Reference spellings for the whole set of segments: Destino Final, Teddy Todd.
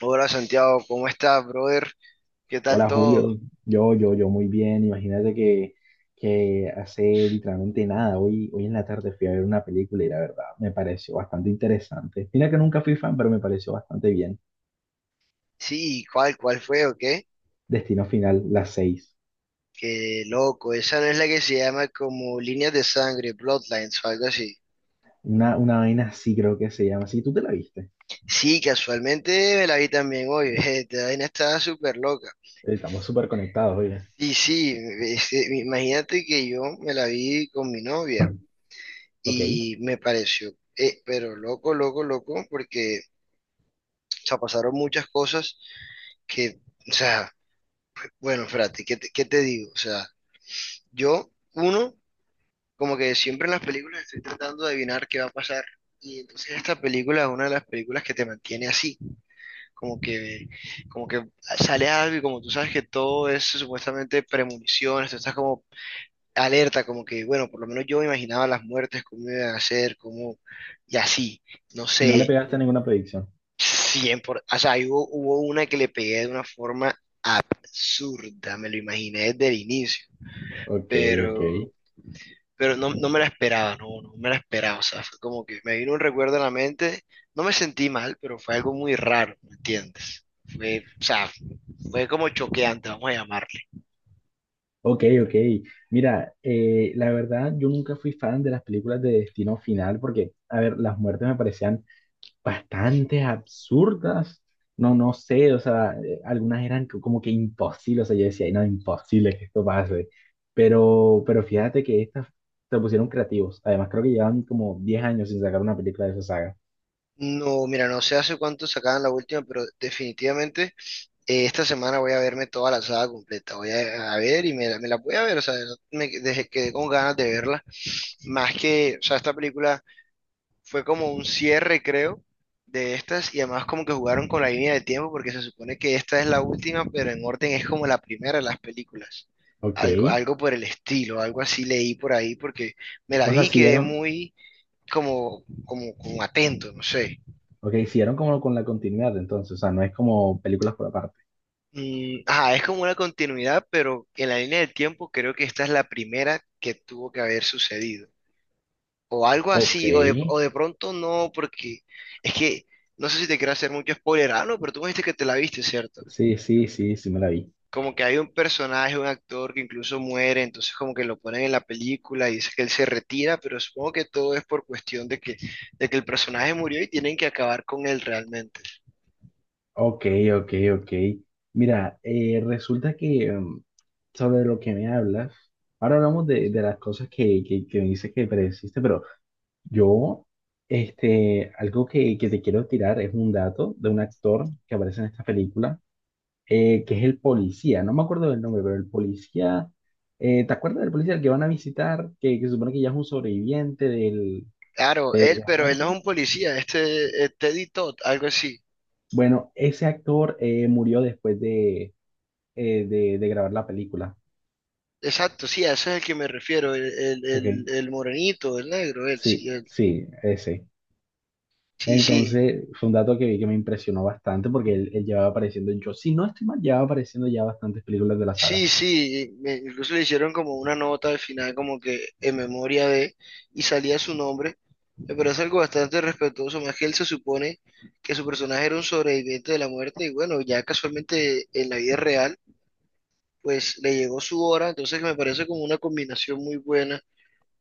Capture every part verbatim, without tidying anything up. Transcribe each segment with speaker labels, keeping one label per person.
Speaker 1: Hola Santiago, ¿cómo estás, brother? ¿Qué tal
Speaker 2: Hola
Speaker 1: todo?
Speaker 2: Julio, yo, yo, yo muy bien. Imagínate que, que hace literalmente nada. Hoy, hoy en la tarde fui a ver una película y la verdad me pareció bastante interesante. Mira que nunca fui fan, pero me pareció bastante bien.
Speaker 1: Sí, ¿cuál, cuál fue o qué?
Speaker 2: Destino Final, las seis.
Speaker 1: Qué loco, esa no es la que se llama como líneas de sangre, bloodlines o algo así.
Speaker 2: Una, una vaina así creo que se llama. ¿Sí tú te la viste?
Speaker 1: Sí, casualmente me la vi también hoy, esta vaina estaba súper loca.
Speaker 2: Estamos súper conectados, oye.
Speaker 1: Y sí, este, imagínate que yo me la vi con mi novia
Speaker 2: Ok.
Speaker 1: y me pareció, eh, pero loco, loco, loco, porque, o sea, pasaron muchas cosas que, o sea, bueno, espérate, ¿qué te, qué te digo? O sea, yo, uno... Como que siempre en las películas estoy tratando de adivinar qué va a pasar. Y entonces esta película es una de las películas que te mantiene así, como que, como que sale algo y como tú sabes que todo es supuestamente premoniciones, tú estás como alerta, como que, bueno, por lo menos yo me imaginaba las muertes, cómo iban a ser, cómo, y así, no
Speaker 2: ¿Y no le
Speaker 1: sé,
Speaker 2: pegaste ninguna predicción?
Speaker 1: cien por, o sea, ahí hubo, hubo una que le pegué de una forma zurda, me lo imaginé desde el inicio,
Speaker 2: Ok, ok.
Speaker 1: pero pero no, no me la esperaba, no, no me la esperaba, o sea, fue como que me vino un recuerdo a la mente, no me sentí mal, pero fue algo muy raro, ¿me entiendes? Fue, o sea, fue como choqueante, vamos a llamarle.
Speaker 2: Ok, ok. Mira, eh, la verdad, yo nunca fui fan de las películas de Destino Final porque, a ver, las muertes me parecían bastante absurdas. No, no sé, o sea, eh, algunas eran co- como que imposibles, o sea, yo decía, "Ay, no, imposible que esto pase. Pero, pero fíjate que estas se pusieron creativos. Además, creo que llevan como diez años sin sacar una película de esa saga.
Speaker 1: No, mira, no sé hace cuánto sacaban la última, pero definitivamente eh, esta semana voy a verme toda la saga completa, voy a, a ver y me, la me la voy a ver, o sea, no- me dejé, quedé con ganas de verla, más que, o sea, esta película fue como un cierre, creo, de estas y además como que jugaron con la línea de tiempo porque se supone que esta es la última, pero en orden es como la primera de las películas.
Speaker 2: Ok.
Speaker 1: Algo, algo por el estilo, algo así leí por ahí porque me la
Speaker 2: O sea,
Speaker 1: vi y quedé
Speaker 2: siguieron,
Speaker 1: muy como, como, como atento, no sé.
Speaker 2: ok, siguieron como con la continuidad entonces, o sea, no es como películas por aparte.
Speaker 1: Mm, ajá, es como una continuidad, pero en la línea de tiempo creo que esta es la primera que tuvo que haber sucedido. O algo
Speaker 2: Ok.
Speaker 1: así, o de, o de pronto no, porque es que no sé si te quiero hacer mucho spoiler, ah, no, pero tú me dijiste que te la viste, ¿cierto?
Speaker 2: Sí, sí, sí, sí me la vi.
Speaker 1: Como que hay un personaje, un actor que incluso muere, entonces como que lo ponen en la película y dice que él se retira, pero supongo que todo es por cuestión de que, de que el personaje murió y tienen que acabar con él realmente.
Speaker 2: Ok, ok, ok. Mira, eh, resulta que mm, sobre lo que me hablas, ahora hablamos de, de las cosas que, que, que me dices que predeciste, pero yo, este, algo que, que te quiero tirar es un dato de un actor que aparece en esta película, eh, que es el policía, no me acuerdo del nombre, pero el policía, eh, ¿te acuerdas del policía al que van a visitar, que, que se supone que ya es un sobreviviente del,
Speaker 1: Claro,
Speaker 2: de
Speaker 1: él,
Speaker 2: la
Speaker 1: pero él no es
Speaker 2: muerte?
Speaker 1: un policía, este eh, Teddy Todd, algo así.
Speaker 2: Bueno, ese actor eh, murió después de, eh, de de grabar la película.
Speaker 1: Exacto, sí, a ese es el que me refiero, el, el,
Speaker 2: Ok,
Speaker 1: el, el morenito, el negro, él, sí,
Speaker 2: sí,
Speaker 1: él.
Speaker 2: sí, ese.
Speaker 1: Sí, sí.
Speaker 2: Entonces, fue un dato que vi que me impresionó bastante porque él, él llevaba apareciendo, yo si no estoy mal, llevaba apareciendo ya bastantes películas de la saga.
Speaker 1: Sí, sí, me- incluso le hicieron como una nota al final, como que en memoria de, y salía su nombre. Me parece algo bastante respetuoso, más que él se supone que su personaje era un sobreviviente de la muerte, y bueno, ya casualmente en la vida real, pues le llegó su hora, entonces me parece como una combinación muy buena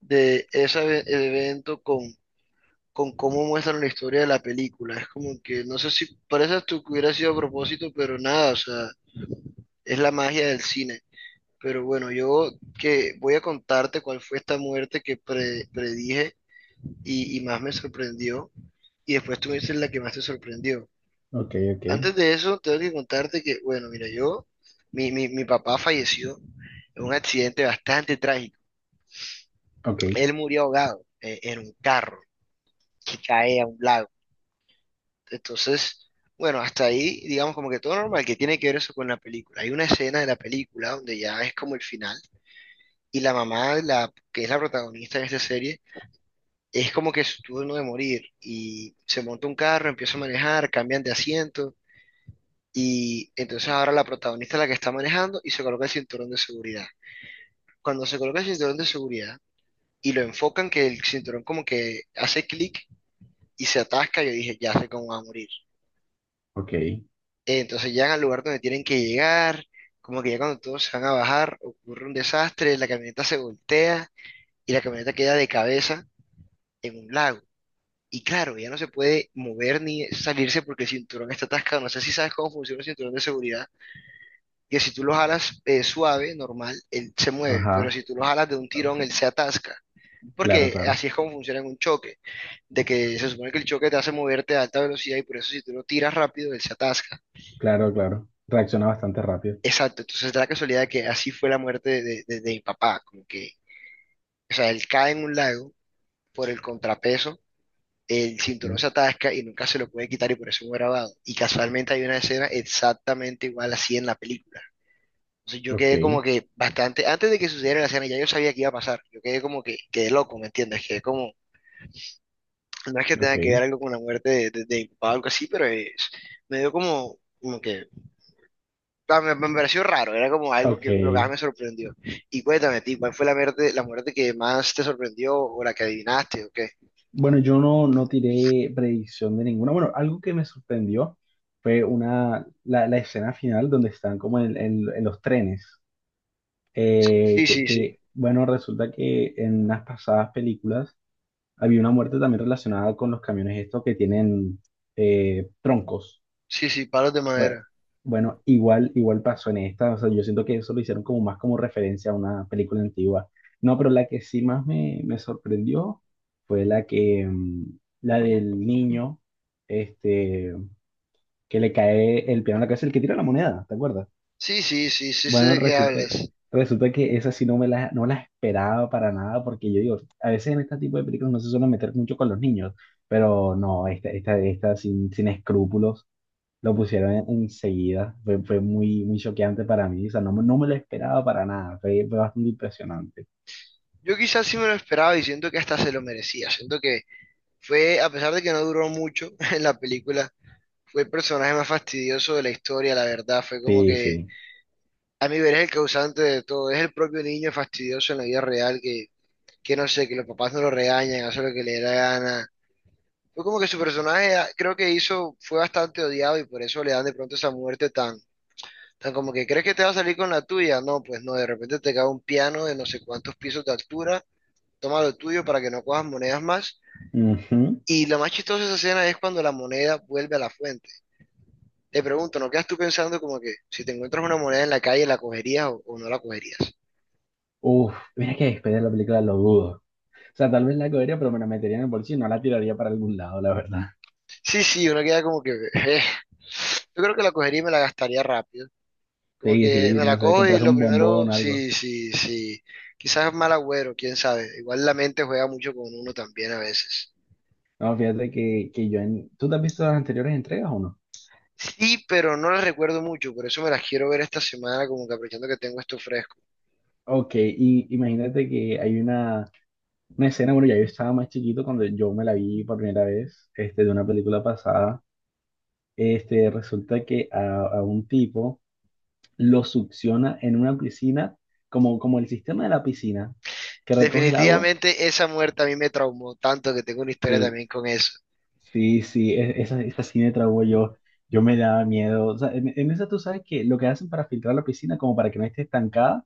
Speaker 1: de ese eve- evento con, con cómo muestran la historia de la película. Es como que, no sé si parece hasta que hubiera sido a propósito, pero nada, o sea, es la magia del cine. Pero bueno, yo que voy a contarte cuál fue esta muerte que pre- predije y, y más me sorprendió. Y después tú me dices la que más te sorprendió.
Speaker 2: Ok, ok,
Speaker 1: Antes de eso, tengo que contarte que, bueno, mira, yo, mi, mi, mi papá falleció en un accidente bastante trágico.
Speaker 2: ok,
Speaker 1: Él murió ahogado eh, en un carro que cae a un lago. Entonces, bueno, hasta ahí, digamos como que todo normal, que tiene que ver eso con la película. Hay una escena de la película donde ya es como el final y la mamá, la, que es la protagonista de esta serie, es como que su turno de morir y se monta un carro, empieza a manejar, cambian de asiento y entonces ahora la protagonista es la que está manejando y se coloca el cinturón de seguridad. Cuando se coloca el cinturón de seguridad y lo enfocan que el cinturón como que hace clic y se atasca, yo dije, ya sé cómo va a morir.
Speaker 2: ok,
Speaker 1: Entonces llegan al lugar donde tienen que llegar, como que ya cuando todos se van a bajar ocurre un desastre, la camioneta se voltea y la camioneta queda de cabeza en un lago. Y claro, ella no se puede mover ni salirse porque el cinturón está atascado. No sé si sabes cómo funciona el cinturón de seguridad, que si tú lo jalas eh, suave, normal, él se mueve, pero
Speaker 2: ajá,
Speaker 1: si tú lo jalas de un tirón, él se atasca.
Speaker 2: claro,
Speaker 1: Porque
Speaker 2: claro,
Speaker 1: así es como funciona en un choque, de que se supone que el choque te hace moverte a alta velocidad y por eso si tú lo tiras rápido, él se atasca.
Speaker 2: claro, claro. Reacciona bastante rápido.
Speaker 1: Exacto, entonces da la casualidad de que así fue la muerte de, de- de mi papá, como que, o sea, él cae en un lago por el contrapeso el cinturón se
Speaker 2: Ujú.
Speaker 1: atasca y nunca se lo puede quitar y por eso es fue grabado. Y casualmente hay una escena exactamente igual así en la película. Entonces yo
Speaker 2: Ok,
Speaker 1: quedé como que bastante, antes de que sucediera la escena ya yo sabía que iba a pasar. Yo quedé como que, quedé loco, ¿me entiendes? Quedé como, no es que
Speaker 2: ok,
Speaker 1: tenga que ver algo con la muerte de, de, de mi papá o algo así, pero es- me dio como, como que, ah, me, me pareció raro, era como algo que lo que más me
Speaker 2: ok.
Speaker 1: sorprendió. Y cuéntame, a ti, ¿cuál fue la muerte, la muerte que más te sorprendió o la que adivinaste o qué?
Speaker 2: Bueno, yo no, no tiré predicción de ninguna. Bueno, algo que me sorprendió fue una, la, la escena final donde están como en, en en los trenes. Eh,
Speaker 1: Sí,
Speaker 2: que,
Speaker 1: sí, sí,
Speaker 2: que, bueno, resulta que en unas pasadas películas había una muerte también relacionada con los camiones estos que tienen eh, troncos.
Speaker 1: sí, sí, palos de
Speaker 2: Bueno,
Speaker 1: madera.
Speaker 2: bueno, igual, igual pasó en esta. O sea, yo siento que eso lo hicieron como más como referencia a una película antigua. No, pero la que sí más me, me sorprendió fue la que, mm, la del niño, este, que le cae el piano en la cabeza, el que tira la moneda, ¿te acuerdas?
Speaker 1: Sí, sí, sí, sí sé
Speaker 2: Bueno,
Speaker 1: de qué
Speaker 2: resulta,
Speaker 1: hablas.
Speaker 2: resulta que esa sí no me la, no la esperaba para nada, porque yo digo, a veces en este tipo de películas no se suele meter mucho con los niños, pero no, esta, esta, esta sin, sin escrúpulos lo pusieron en- enseguida. Fue, fue muy, muy choqueante para mí, o sea, no, me- no me lo esperaba para nada, fue, fue bastante impresionante.
Speaker 1: Yo quizás sí me lo esperaba y siento que hasta se lo merecía. Siento que fue, a pesar de que no duró mucho en la película, fue el personaje más fastidioso de la historia, la verdad. Fue como
Speaker 2: Sí,
Speaker 1: que,
Speaker 2: sí.
Speaker 1: a mi ver, es el causante de todo. Es el propio niño fastidioso en la vida real que, que no sé, que los papás no lo regañan, hace lo que le da la gana. Fue como que su personaje, ah, creo que hizo, fue bastante odiado y por eso le dan de pronto esa muerte tan, tan como que, ¿crees que te va a salir con la tuya? No, pues no, de repente te cae un piano de no sé cuántos pisos de altura toma lo tuyo para que no cojas monedas más.
Speaker 2: Ujú.
Speaker 1: Y lo más chistoso de esa escena es cuando la moneda vuelve a la fuente. Te pregunto, ¿no quedas tú pensando como que si te encuentras una moneda en la calle, la cogerías o, o no la cogerías?
Speaker 2: Uf, mira que después de la película lo dudo. O sea, tal vez la cogería, pero me la metería en el bolsillo y no la tiraría para algún lado, la verdad.
Speaker 1: Sí, sí, uno queda como que... eh. Yo creo que la cogería y me la gastaría rápido. Como
Speaker 2: Sí,
Speaker 1: que
Speaker 2: sí,
Speaker 1: me
Speaker 2: no
Speaker 1: la
Speaker 2: sé,
Speaker 1: cojo y
Speaker 2: compras
Speaker 1: lo
Speaker 2: un
Speaker 1: primero,
Speaker 2: bombón, algo.
Speaker 1: sí, sí, sí. Quizás es mal agüero, quién sabe. Igual la mente juega mucho con uno también a veces.
Speaker 2: No, fíjate que, que yo en... ¿Tú te has visto las anteriores entregas o no?
Speaker 1: Sí, pero no las recuerdo mucho, por eso me las quiero ver esta semana, como que aprovechando que tengo esto fresco.
Speaker 2: Ok, y imagínate que hay una, una escena, bueno, ya yo estaba más chiquito cuando yo me la vi por primera vez, este, de una película pasada, este, resulta que a, a un tipo lo succiona en una piscina, como, como el sistema de la piscina, que recoge el agua.
Speaker 1: Definitivamente esa muerte a mí me traumó tanto que tengo una historia también con eso.
Speaker 2: Sí, sí, e- esa, esa sí me traumó yo. Yo me daba miedo. O sea, en, en esa tú sabes que lo que hacen para filtrar la piscina, como para que no esté estancada,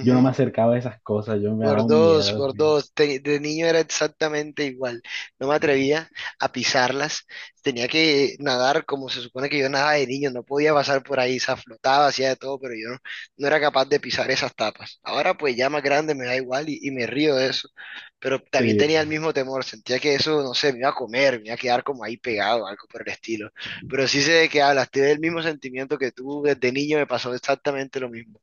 Speaker 2: yo no me acercaba a esas cosas, yo me daba
Speaker 1: Por
Speaker 2: un
Speaker 1: dos,
Speaker 2: miedo.
Speaker 1: por dos. Te- de niño era exactamente igual. No me atrevía a pisarlas. Tenía que nadar como se supone que yo nadaba de niño. No podía pasar por ahí. Se flotaba, hacía de todo, pero yo no, no era capaz de pisar esas tapas. Ahora pues ya más grande me da igual y, y me río de eso. Pero también
Speaker 2: Sí.
Speaker 1: tenía el mismo temor. Sentía que eso, no sé, me iba a comer, me iba a quedar como ahí pegado, algo por el estilo. Pero sí sé de qué hablas. Tuve el mismo sentimiento que tú. Desde niño me pasó exactamente lo mismo.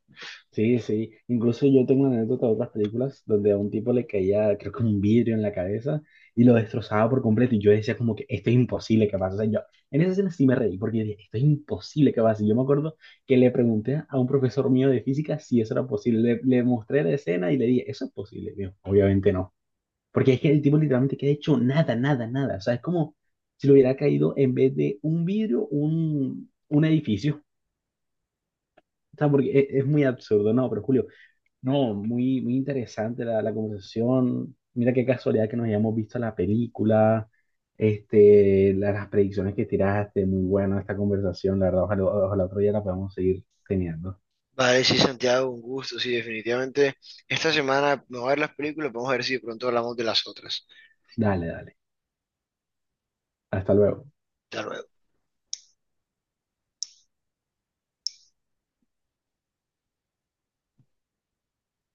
Speaker 2: Sí, sí. Incluso yo tengo una anécdota de otras películas donde a un tipo le caía, creo que un vidrio en la cabeza y lo destrozaba por completo. Y yo decía como que esto es imposible que pase. O sea, yo en esa escena sí me reí porque yo dije, esto es imposible que pase. Yo me acuerdo que le pregunté a un profesor mío de física si eso era posible. Le, le mostré la escena y le dije, ¿eso es posible? Me dijo, obviamente no. Porque es que el tipo literalmente que ha hecho nada, nada, nada. O sea, es como si le hubiera caído en vez de un vidrio, un, un edificio. O sea, porque es, es muy absurdo, ¿no? Pero Julio. No, muy, muy interesante la, la conversación. Mira qué casualidad que nos hayamos visto la película, este, la- las predicciones que tiraste, muy buena esta conversación, la verdad, ojalá, ojalá otro día la podamos seguir teniendo.
Speaker 1: Vale, sí, Santiago, un gusto, sí, definitivamente. Esta semana me voy a ver las películas, vamos a ver si de pronto hablamos de las otras.
Speaker 2: Dale, dale. Hasta luego.
Speaker 1: Hasta luego.